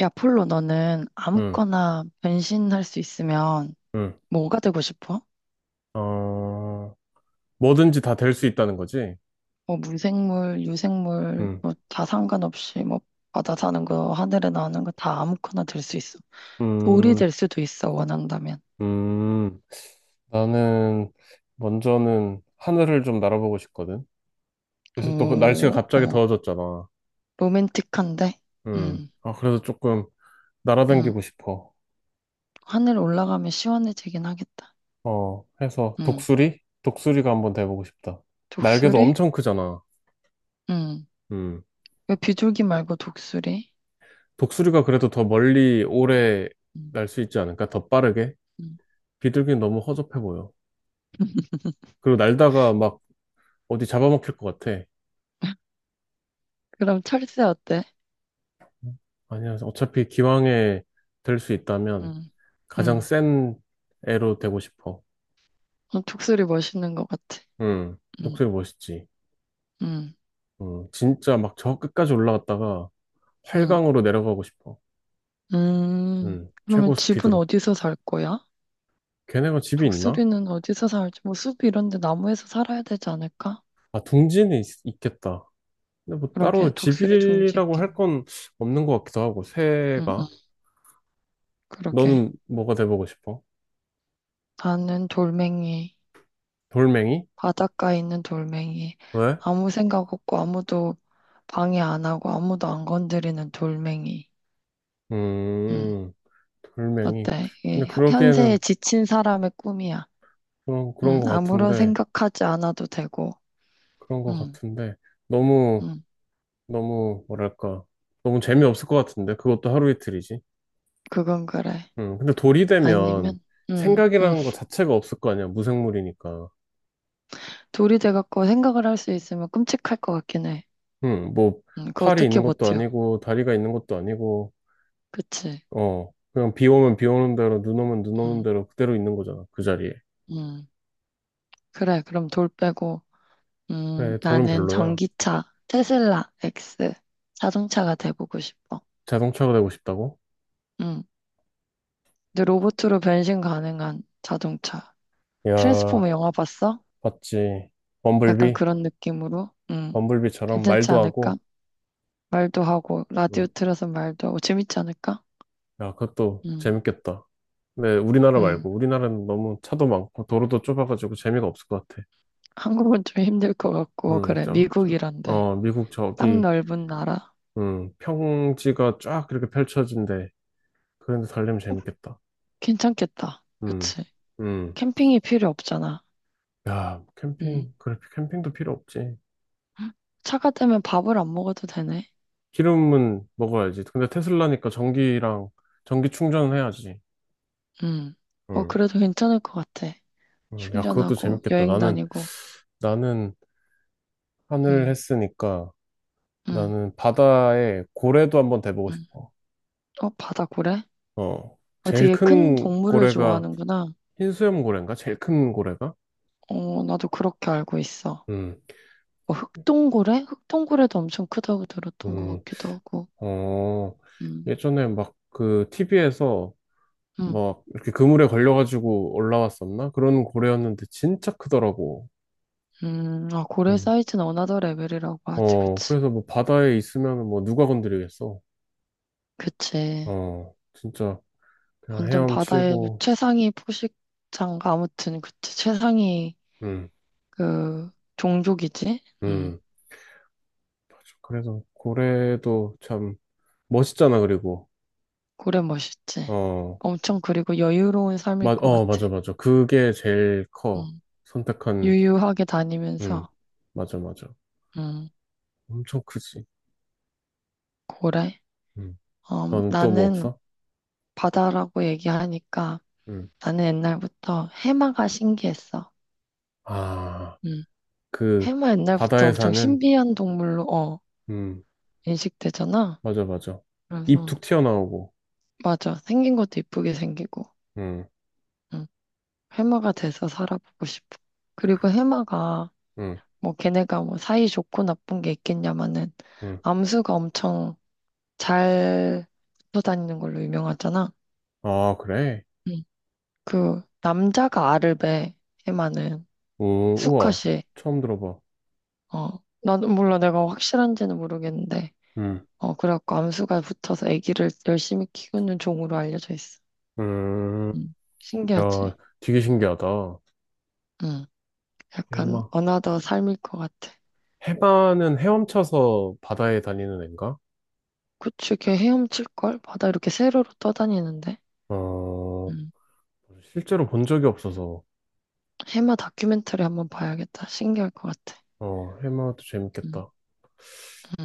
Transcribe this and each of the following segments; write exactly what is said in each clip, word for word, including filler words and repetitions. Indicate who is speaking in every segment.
Speaker 1: 야, 폴로, 너는
Speaker 2: 음,
Speaker 1: 아무거나 변신할 수 있으면
Speaker 2: 음,
Speaker 1: 뭐가 되고 싶어?
Speaker 2: 어, 뭐든지 다 될 수 있다는 거지.
Speaker 1: 뭐 무생물, 유생물,
Speaker 2: 음,
Speaker 1: 뭐 다 상관없이 뭐 바다 사는 거, 하늘에 나오는 거 다 아무거나 될 수 있어. 돌이
Speaker 2: 음,
Speaker 1: 될 수도 있어, 원한다면.
Speaker 2: 음. 나는 먼저는 하늘을 좀 날아보고 싶거든. 요새 또그 날씨가
Speaker 1: 오,
Speaker 2: 갑자기
Speaker 1: 어,
Speaker 2: 더워졌잖아.
Speaker 1: 로맨틱한데?
Speaker 2: 음,
Speaker 1: 응,
Speaker 2: 아, 그래서 조금
Speaker 1: 응.
Speaker 2: 날아다니고 싶어.
Speaker 1: 하늘 올라가면 시원해지긴 하겠다.
Speaker 2: 어, 해서
Speaker 1: 응,
Speaker 2: 독수리? 독수리가 한번 돼보고 싶다. 날개도
Speaker 1: 독수리?
Speaker 2: 엄청 크잖아.
Speaker 1: 응.
Speaker 2: 음,
Speaker 1: 왜 비둘기 말고 독수리?
Speaker 2: 독수리가 그래도 더 멀리 오래
Speaker 1: 응,
Speaker 2: 날 수 있지 않을까? 더 빠르게?
Speaker 1: 응.
Speaker 2: 비둘기는 너무 허접해 보여. 그리고 날다가 막 어디 잡아먹힐 것 같아.
Speaker 1: 그럼 철새 어때?
Speaker 2: 아니야, 어차피 기왕에 될 수 있다면
Speaker 1: 응.
Speaker 2: 가장
Speaker 1: 음.
Speaker 2: 센 애로 되고 싶어.
Speaker 1: 어, 독수리 멋있는 것 같아.
Speaker 2: 응,
Speaker 1: 음,
Speaker 2: 독수리 멋있지.
Speaker 1: 음,
Speaker 2: 응, 진짜 막 저 끝까지 올라갔다가
Speaker 1: 음,
Speaker 2: 활강으로 내려가고 싶어.
Speaker 1: 음.
Speaker 2: 응,
Speaker 1: 그러면
Speaker 2: 최고
Speaker 1: 집은
Speaker 2: 스피드로.
Speaker 1: 어디서 살 거야?
Speaker 2: 걔네가 집이 있나?
Speaker 1: 독수리는 어디서 살지? 뭐 숲 이런 데 나무에서 살아야 되지 않을까?
Speaker 2: 아, 둥지는 있, 겠다. 근데 뭐
Speaker 1: 그러게,
Speaker 2: 따로
Speaker 1: 독수리 둥지
Speaker 2: 집이라고
Speaker 1: 있겠네.
Speaker 2: 할 건 없는 것 같기도 하고,
Speaker 1: 응, 응,
Speaker 2: 새가.
Speaker 1: 그러게.
Speaker 2: 너는 뭐가 돼보고 싶어?
Speaker 1: 나는 돌멩이,
Speaker 2: 돌멩이?
Speaker 1: 바닷가에 있는 돌멩이.
Speaker 2: 왜?
Speaker 1: 아무 생각 없고 아무도 방해 안 하고 아무도 안 건드리는 돌멩이. 응,
Speaker 2: 음, 돌멩이.
Speaker 1: 어때? 이게
Speaker 2: 근데
Speaker 1: 현- 현세에
Speaker 2: 그러기에는
Speaker 1: 지친 사람의 꿈이야.
Speaker 2: 그런, 그런
Speaker 1: 응,
Speaker 2: 것
Speaker 1: 아무런
Speaker 2: 같은데,
Speaker 1: 생각하지 않아도 되고.
Speaker 2: 그런 것
Speaker 1: 응,
Speaker 2: 같은데, 너무,
Speaker 1: 응,
Speaker 2: 너무, 뭐랄까, 너무 재미없을 것 같은데, 그것도 하루 이틀이지.
Speaker 1: 그건 그래.
Speaker 2: 음, 근데 돌이 되면
Speaker 1: 아니면, 음, 음.
Speaker 2: 생각이라는 것 자체가 없을 거 아니야, 무생물이니까.
Speaker 1: 돌이 돼갖고 생각을 할 수 있으면 끔찍할 것 같긴 해.
Speaker 2: 음, 뭐,
Speaker 1: 음, 그거
Speaker 2: 팔이
Speaker 1: 어떻게
Speaker 2: 있는 것도
Speaker 1: 버텨?
Speaker 2: 아니고, 다리가 있는 것도 아니고,
Speaker 1: 그치?
Speaker 2: 어, 그냥 비 오면 비 오는 대로, 눈 오면 눈 오는
Speaker 1: 음,
Speaker 2: 대로 그대로 있는 거잖아, 그 자리에.
Speaker 1: 음. 그래, 그럼 돌 빼고, 음,
Speaker 2: 그래, 돌은
Speaker 1: 나는
Speaker 2: 별로야.
Speaker 1: 전기차, 테슬라 X 자동차가 돼보고 싶어.
Speaker 2: 자동차가 되고 싶다고?
Speaker 1: 음. 근데 로봇으로 변신 가능한 자동차. 트랜스포머
Speaker 2: 야,
Speaker 1: 영화 봤어?
Speaker 2: 봤지.
Speaker 1: 약간
Speaker 2: 범블비?
Speaker 1: 그런 느낌으로? 음,
Speaker 2: 범블비처럼
Speaker 1: 괜찮지
Speaker 2: 말도
Speaker 1: 않을까?
Speaker 2: 하고,
Speaker 1: 말도 하고, 라디오
Speaker 2: 음,
Speaker 1: 틀어서 말도 하고, 재밌지 않을까?
Speaker 2: 야, 그것도
Speaker 1: 음,
Speaker 2: 재밌겠다. 네, 우리나라
Speaker 1: 음.
Speaker 2: 말고. 우리나라는 너무 차도 많고, 도로도 좁아가지고 재미가 없을 것 같아.
Speaker 1: 한국은 좀 힘들 것 같고,
Speaker 2: 음,
Speaker 1: 그래,
Speaker 2: 저, 저.
Speaker 1: 미국이란데.
Speaker 2: 어, 미국
Speaker 1: 땅
Speaker 2: 저기,
Speaker 1: 넓은 나라.
Speaker 2: 음, 평지가 쫙 이렇게 펼쳐진대. 그런데 달리면 재밌겠다.
Speaker 1: 괜찮겠다.
Speaker 2: 음,
Speaker 1: 그치?
Speaker 2: 음.
Speaker 1: 캠핑이 필요 없잖아.
Speaker 2: 야,
Speaker 1: 음.
Speaker 2: 캠핑, 그래, 캠핑도 필요 없지.
Speaker 1: 차가 되면 밥을 안 먹어도 되네.
Speaker 2: 기름은 먹어야지. 근데 테슬라니까 전기랑, 전기 충전은 해야지.
Speaker 1: 음. 어,
Speaker 2: 음,
Speaker 1: 그래도 괜찮을 것 같아.
Speaker 2: 음, 야, 그것도
Speaker 1: 충전하고,
Speaker 2: 재밌겠다.
Speaker 1: 여행
Speaker 2: 나는,
Speaker 1: 다니고.
Speaker 2: 나는 하늘
Speaker 1: 음,
Speaker 2: 했으니까,
Speaker 1: 음,
Speaker 2: 나는 바다에 고래도 한번 대보고
Speaker 1: 음.
Speaker 2: 싶어.
Speaker 1: 어, 바다 고래?
Speaker 2: 어,
Speaker 1: 어,
Speaker 2: 제일
Speaker 1: 되게 큰
Speaker 2: 큰
Speaker 1: 동물을
Speaker 2: 고래가
Speaker 1: 좋아하는구나.
Speaker 2: 흰수염 고래인가? 제일 큰 고래가?
Speaker 1: 어, 나도 그렇게 알고 있어.
Speaker 2: 음,
Speaker 1: 뭐 흑동고래? 흑동고래도 엄청 크다고 들었던 것
Speaker 2: 음,
Speaker 1: 같기도 하고.
Speaker 2: 어,
Speaker 1: 음,
Speaker 2: 예전에 막 그 티비에서
Speaker 1: 음.
Speaker 2: 막 이렇게 그물에 걸려가지고 올라왔었나? 그런 고래였는데 진짜 크더라고.
Speaker 1: 음, 아, 고래
Speaker 2: 음,
Speaker 1: 사이즈는 어나더 레벨이라고 하지,
Speaker 2: 어,
Speaker 1: 그치.
Speaker 2: 그래서 뭐 바다에 있으면 뭐 누가 건드리겠어?
Speaker 1: 그치.
Speaker 2: 어, 진짜 그냥
Speaker 1: 완전 바다의
Speaker 2: 헤엄치고,
Speaker 1: 최상위 포식자인가? 아무튼, 그치. 최상위,
Speaker 2: 음,
Speaker 1: 그, 종족이지? 음,
Speaker 2: 음, 맞아. 그래서 고래도 참 멋있잖아, 그리고.
Speaker 1: 고래 멋있지.
Speaker 2: 어,
Speaker 1: 엄청, 그리고 여유로운 삶일
Speaker 2: 마,
Speaker 1: 것
Speaker 2: 어,
Speaker 1: 같아.
Speaker 2: 맞아, 맞아. 그게 제일 커.
Speaker 1: 음,
Speaker 2: 선택한,
Speaker 1: 유유하게
Speaker 2: 음,
Speaker 1: 다니면서,
Speaker 2: 맞아, 맞아.
Speaker 1: 음,
Speaker 2: 엄청 크지.
Speaker 1: 고래?
Speaker 2: 음.
Speaker 1: 음,
Speaker 2: 너는 또 뭐
Speaker 1: 나는
Speaker 2: 없어?
Speaker 1: 바다라고 얘기하니까,
Speaker 2: 음.
Speaker 1: 나는 옛날부터 해마가 신기했어.
Speaker 2: 아,
Speaker 1: 음,
Speaker 2: 그,
Speaker 1: 해마 옛날부터
Speaker 2: 바다에
Speaker 1: 엄청
Speaker 2: 사는,
Speaker 1: 신비한 동물로, 어,
Speaker 2: 음,
Speaker 1: 인식되잖아.
Speaker 2: 맞아, 맞아. 입
Speaker 1: 그래서,
Speaker 2: 툭 튀어나오고,
Speaker 1: 맞아. 생긴 것도 이쁘게 생기고.
Speaker 2: 음,
Speaker 1: 응. 해마가 돼서 살아보고 싶어. 그리고 해마가
Speaker 2: 음,
Speaker 1: 뭐 걔네가 뭐 사이 좋고 나쁜 게 있겠냐마는
Speaker 2: 음.
Speaker 1: 암수가 엄청 잘 붙어 다니는 걸로 유명하잖아.
Speaker 2: 아, 그래?
Speaker 1: 응. 그 남자가 알을 배 해마는
Speaker 2: 오, 우와.
Speaker 1: 수컷이
Speaker 2: 처음 들어봐.
Speaker 1: 어 나도 몰라 내가 확실한지는 모르겠는데
Speaker 2: 음,
Speaker 1: 어 그래갖고 암수가 붙어서 아기를 열심히 키우는 종으로 알려져 있어.
Speaker 2: 음.
Speaker 1: 응.
Speaker 2: 야,
Speaker 1: 신기하지?
Speaker 2: 되게 신기하다.
Speaker 1: 응. 약간
Speaker 2: 해마.
Speaker 1: 어나더 삶일 것 같아.
Speaker 2: 해마는 헤엄쳐서 바다에 다니는 애인가?
Speaker 1: 그치, 걔 헤엄칠걸? 바다 이렇게 세로로 떠다니는데.
Speaker 2: 어,
Speaker 1: 음.
Speaker 2: 실제로 본 적이 없어서.
Speaker 1: 해마 다큐멘터리 한번 봐야겠다. 신기할 것 같아.
Speaker 2: 어, 해마도
Speaker 1: 음.
Speaker 2: 재밌겠다.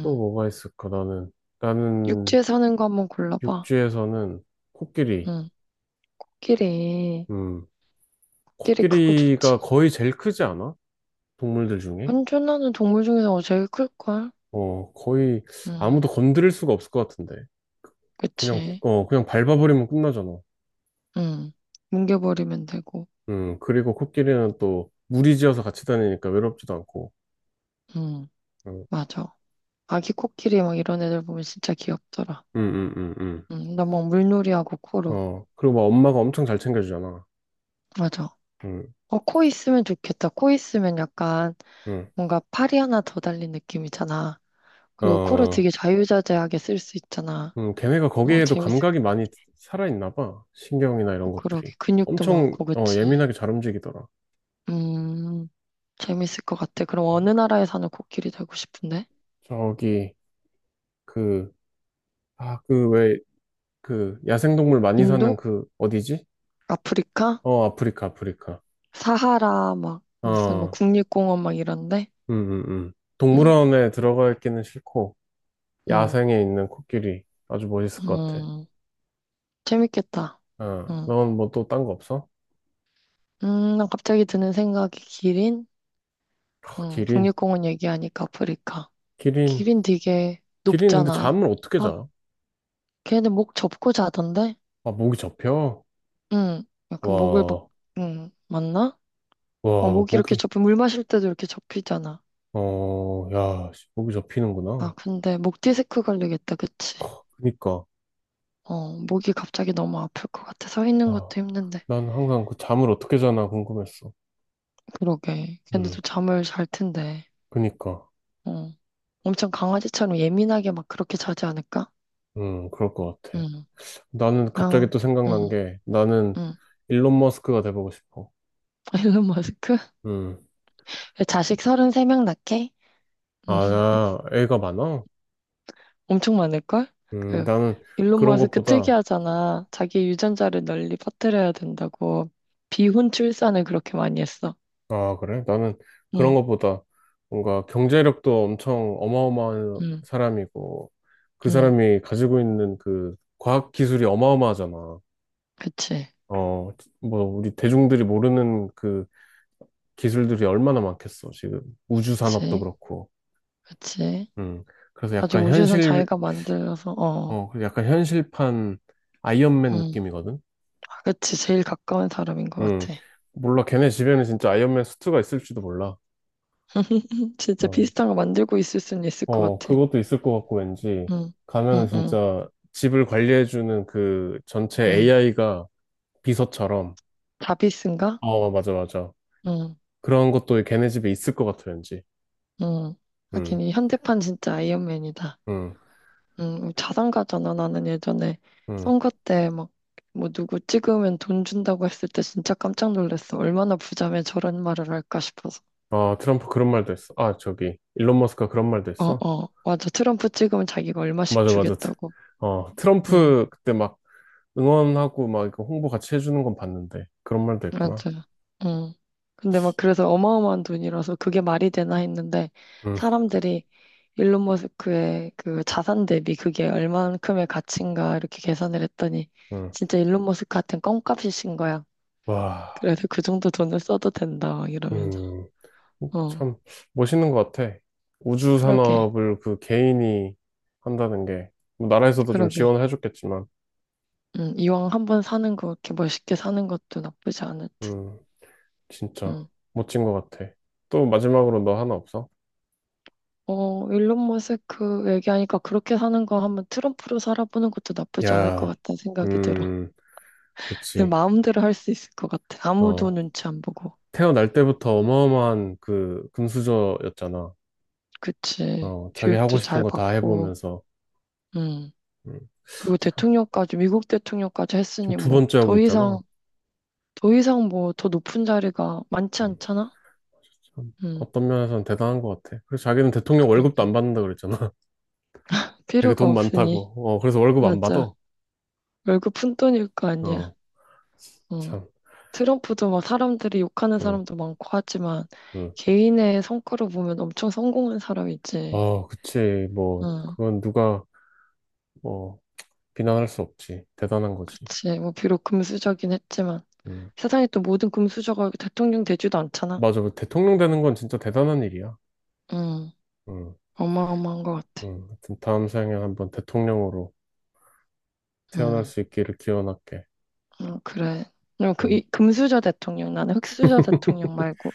Speaker 2: 또 뭐가 있을까, 나는. 나는
Speaker 1: 육지에 사는 거 한번 골라봐.
Speaker 2: 육지에서는 코끼리.
Speaker 1: 응. 코끼리.
Speaker 2: 음,
Speaker 1: 코끼리 크고
Speaker 2: 코끼리가
Speaker 1: 좋지.
Speaker 2: 거의 제일 크지 않아? 동물들 중에?
Speaker 1: 환전하는 동물 중에서 제일 클걸?
Speaker 2: 어, 거의
Speaker 1: 응.
Speaker 2: 아무도 건드릴 수가 없을 것 같은데. 그냥,
Speaker 1: 그치.
Speaker 2: 어, 그냥 밟아버리면 끝나잖아.
Speaker 1: 응. 뭉개버리면 되고.
Speaker 2: 음, 그리고 코끼리는 또 무리지어서 같이 다니니까 외롭지도 않고.
Speaker 1: 응.
Speaker 2: 음,
Speaker 1: 맞아. 아기 코끼리 막 이런 애들 보면 진짜 귀엽더라.
Speaker 2: 음, 음, 음. 음.
Speaker 1: 응. 나 막 물놀이하고 코로.
Speaker 2: 어, 그리고 막 엄마가 엄청 잘 챙겨주잖아.
Speaker 1: 맞아.
Speaker 2: 음,
Speaker 1: 어, 코 있으면 좋겠다. 코 있으면 약간
Speaker 2: 음.
Speaker 1: 뭔가 팔이 하나 더 달린 느낌이잖아. 그리고 코를
Speaker 2: 어,
Speaker 1: 되게 자유자재하게 쓸 수 있잖아.
Speaker 2: 음, 걔네가
Speaker 1: 어,
Speaker 2: 거기에도
Speaker 1: 재밌을
Speaker 2: 감각이
Speaker 1: 것
Speaker 2: 많이 살아있나 봐. 신경이나 이런
Speaker 1: 같아. 그러게.
Speaker 2: 것들이.
Speaker 1: 근육도
Speaker 2: 엄청,
Speaker 1: 많고,
Speaker 2: 어,
Speaker 1: 그치?
Speaker 2: 예민하게 잘 움직이더라.
Speaker 1: 음, 재밌을 것 같아. 그럼 어느 나라에 사는 코끼리 되고 싶은데?
Speaker 2: 저기, 그, 아, 그 왜, 그, 야생동물 많이 사는
Speaker 1: 인도?
Speaker 2: 그, 어디지?
Speaker 1: 아프리카?
Speaker 2: 어, 아프리카, 아프리카.
Speaker 1: 사하라, 막, 무슨, 막,
Speaker 2: 어,
Speaker 1: 국립공원 막 이런데?
Speaker 2: 음, 음, 음.
Speaker 1: 응
Speaker 2: 동물원에 들어가 있기는 싫고,
Speaker 1: 응
Speaker 2: 야생에 있는 코끼리. 아주 멋있을 것 같아.
Speaker 1: 음. 재밌겠다.
Speaker 2: 어,
Speaker 1: 응.
Speaker 2: 넌 뭐 또 딴 거 없어?
Speaker 1: 음, 난 갑자기 드는 생각이 기린?
Speaker 2: 아,
Speaker 1: 응.
Speaker 2: 기린.
Speaker 1: 국립공원 얘기하니까 아프리카.
Speaker 2: 기린.
Speaker 1: 기린 되게
Speaker 2: 기린 근데
Speaker 1: 높잖아.
Speaker 2: 잠을 어떻게
Speaker 1: 아,
Speaker 2: 자?
Speaker 1: 걔네 목 접고 자던데?
Speaker 2: 아, 목이 접혀.
Speaker 1: 응. 약간 목을 막,
Speaker 2: 와,
Speaker 1: 응. 맞나? 어,
Speaker 2: 와,
Speaker 1: 목 이렇게
Speaker 2: 목이.
Speaker 1: 접히, 물 마실 때도 이렇게 접히잖아.
Speaker 2: 어, 야, 씨, 목이
Speaker 1: 아,
Speaker 2: 접히는구나.
Speaker 1: 근데 목 디스크 걸리겠다, 그치?
Speaker 2: 그니까,
Speaker 1: 어, 목이 갑자기 너무 아플 것 같아. 서 있는
Speaker 2: 아,
Speaker 1: 것도 힘든데.
Speaker 2: 난 항상 그 잠을 어떻게 자나 궁금했어.
Speaker 1: 그러게. 걔네도
Speaker 2: 음,
Speaker 1: 잠을 잘 텐데.
Speaker 2: 그니까,
Speaker 1: 어. 엄청 강아지처럼 예민하게 막 그렇게 자지 않을까?
Speaker 2: 음, 그럴 것 같아.
Speaker 1: 응.
Speaker 2: 나는 갑자기
Speaker 1: 어,
Speaker 2: 또
Speaker 1: 응,
Speaker 2: 생각난 게, 나는
Speaker 1: 응.
Speaker 2: 일론 머스크가 돼보고 싶어.
Speaker 1: 일론 머스크?
Speaker 2: 음,
Speaker 1: 자식 삼십삼 명 낳게?
Speaker 2: 아, 나 애가 많아?
Speaker 1: 엄청 많을걸?
Speaker 2: 음,
Speaker 1: 그
Speaker 2: 나는
Speaker 1: 일론
Speaker 2: 그런
Speaker 1: 머스크
Speaker 2: 것보다,
Speaker 1: 특이하잖아. 자기 유전자를 널리 퍼뜨려야 된다고 비혼 출산을 그렇게 많이 했어.
Speaker 2: 아, 그래? 나는 그런
Speaker 1: 응,
Speaker 2: 것보다 뭔가 경제력도 엄청 어마어마한
Speaker 1: 응,
Speaker 2: 사람이고, 그
Speaker 1: 응.
Speaker 2: 사람이 가지고 있는 그 과학 기술이 어마어마하잖아.
Speaker 1: 그치,
Speaker 2: 어, 뭐, 우리 대중들이 모르는 그 기술들이 얼마나 많겠어, 지금. 우주 산업도
Speaker 1: 그치,
Speaker 2: 그렇고.
Speaker 1: 그치.
Speaker 2: 음. 그래서
Speaker 1: 아직
Speaker 2: 약간
Speaker 1: 우주선
Speaker 2: 현실,
Speaker 1: 자기가 만들어서 어,
Speaker 2: 어, 그래서 약간 현실판 아이언맨
Speaker 1: 응.
Speaker 2: 느낌이거든?
Speaker 1: 아, 그치, 제일 가까운 사람인 것
Speaker 2: 음.
Speaker 1: 같아.
Speaker 2: 몰라, 걔네 집에는 진짜 아이언맨 수트가 있을지도 몰라.
Speaker 1: 진짜
Speaker 2: 어,
Speaker 1: 비슷한 거 만들고 있을 수는 있을 것
Speaker 2: 어,
Speaker 1: 같아.
Speaker 2: 그것도 있을 것 같고, 왠지.
Speaker 1: 응,
Speaker 2: 가면은
Speaker 1: 응, 응,
Speaker 2: 진짜 집을 관리해주는 그 전체
Speaker 1: 응.
Speaker 2: 에이아이가 비서처럼.
Speaker 1: 자비스인가?
Speaker 2: 어, 맞아, 맞아.
Speaker 1: 응,
Speaker 2: 그런 것도 걔네 집에 있을 것 같아, 왠지.
Speaker 1: 응. 하긴
Speaker 2: 음,
Speaker 1: 이 현대판 진짜 아이언맨이다.
Speaker 2: 음,
Speaker 1: 음, 자산가잖아. 나는 예전에
Speaker 2: 음.
Speaker 1: 선거 때 막, 뭐 누구 찍으면 돈 준다고 했을 때 진짜 깜짝 놀랐어. 얼마나 부자면 저런 말을 할까 싶어서.
Speaker 2: 아, 트럼프 그런 말도 했어. 아, 저기, 일론 머스크가 그런 말도
Speaker 1: 어,
Speaker 2: 했어.
Speaker 1: 어, 맞아. 트럼프 찍으면 자기가 얼마씩
Speaker 2: 맞아, 맞아. 트-
Speaker 1: 주겠다고.
Speaker 2: 어,
Speaker 1: 응,
Speaker 2: 트럼프 그때 막 응원하고 막 이거 홍보 같이 해주는 건 봤는데, 그런 말도 했구나.
Speaker 1: 맞아. 응. 근데 막 그래서 어마어마한 돈이라서 그게 말이 되나 했는데
Speaker 2: 응,
Speaker 1: 사람들이 일론 머스크의 그 자산 대비 그게 얼만큼의 가치인가 이렇게 계산을 했더니
Speaker 2: 응.
Speaker 1: 진짜 일론 머스크한테는 껌값이신 거야.
Speaker 2: 와,
Speaker 1: 그래서 그 정도 돈을 써도 된다, 막 이러면서.
Speaker 2: 음,
Speaker 1: 어,
Speaker 2: 참 멋있는 것 같아. 우주
Speaker 1: 그러게,
Speaker 2: 산업을 그 개인이 한다는 게, 뭐 나라에서도 좀
Speaker 1: 그러게.
Speaker 2: 지원을 해줬겠지만,
Speaker 1: 음, 이왕 한 번 사는 거, 이렇게 멋있게 사는 것도 나쁘지 않을 듯.
Speaker 2: 음, 진짜
Speaker 1: 음.
Speaker 2: 멋진 것 같아. 또 마지막으로 너 하나 없어?
Speaker 1: 어, 일론 머스크 얘기하니까 그렇게 사는 거 한번 트럼프로 살아보는 것도 나쁘지 않을 것
Speaker 2: 야,
Speaker 1: 같다는 생각이 들어.
Speaker 2: 음,
Speaker 1: 내
Speaker 2: 그치.
Speaker 1: 마음대로 할 수 있을 것 같아. 아무도
Speaker 2: 어.
Speaker 1: 눈치 안 보고.
Speaker 2: 태어날 때부터 어마어마한 그 금수저였잖아.
Speaker 1: 그치.
Speaker 2: 어, 자기 하고
Speaker 1: 교육도
Speaker 2: 싶은
Speaker 1: 잘
Speaker 2: 거 다
Speaker 1: 받고,
Speaker 2: 해보면서.
Speaker 1: 음.
Speaker 2: 음,
Speaker 1: 그리고
Speaker 2: 참,
Speaker 1: 대통령까지, 미국 대통령까지
Speaker 2: 지금
Speaker 1: 했으니
Speaker 2: 두
Speaker 1: 뭐,
Speaker 2: 번째 하고
Speaker 1: 더 이상,
Speaker 2: 있잖아.
Speaker 1: 더 이상 뭐, 더 높은 자리가 많지
Speaker 2: 음,
Speaker 1: 않잖아?
Speaker 2: 참,
Speaker 1: 음,
Speaker 2: 어떤 면에서는 대단한 것 같아. 그래서 자기는 대통령 월급도 안
Speaker 1: 그러게.
Speaker 2: 받는다 그랬잖아. 되게
Speaker 1: 필요가
Speaker 2: 돈
Speaker 1: 없으니.
Speaker 2: 많다고. 어, 그래서 월급 안
Speaker 1: 맞아.
Speaker 2: 받아.
Speaker 1: 월급 푼돈일 거 아니야.
Speaker 2: 어,
Speaker 1: 어.
Speaker 2: 참.
Speaker 1: 트럼프도 막 사람들이 욕하는
Speaker 2: 응,
Speaker 1: 사람도 많고 하지만
Speaker 2: 응.
Speaker 1: 개인의 성과로 보면 엄청 성공한 사람이지.
Speaker 2: 어, 그치. 뭐,
Speaker 1: 응.
Speaker 2: 그건 누가, 뭐, 비난할 수 없지. 대단한 거지.
Speaker 1: 그치. 뭐 비록 금수저긴 했지만
Speaker 2: 응.
Speaker 1: 세상에 또 모든 금수저가 대통령 되지도 않잖아.
Speaker 2: 맞아. 뭐 대통령 되는 건 진짜 대단한 일이야.
Speaker 1: 응.
Speaker 2: 응,
Speaker 1: 어마어마한 것 같아.
Speaker 2: 응. 하여튼 다음 생에 한번 대통령으로. 태어날
Speaker 1: 응.
Speaker 2: 수 있기를 기원할게.
Speaker 1: 응, 그래. 그럼 그,
Speaker 2: 음,
Speaker 1: 이, 금수저 대통령, 나는 흑수저 대통령 말고.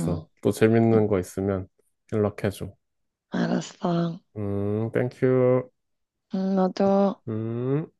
Speaker 1: 응.
Speaker 2: 또
Speaker 1: 응.
Speaker 2: 재밌는 거 있으면 연락해줘.
Speaker 1: 알았어.
Speaker 2: 음, 땡큐.
Speaker 1: 응, 나도.
Speaker 2: 음.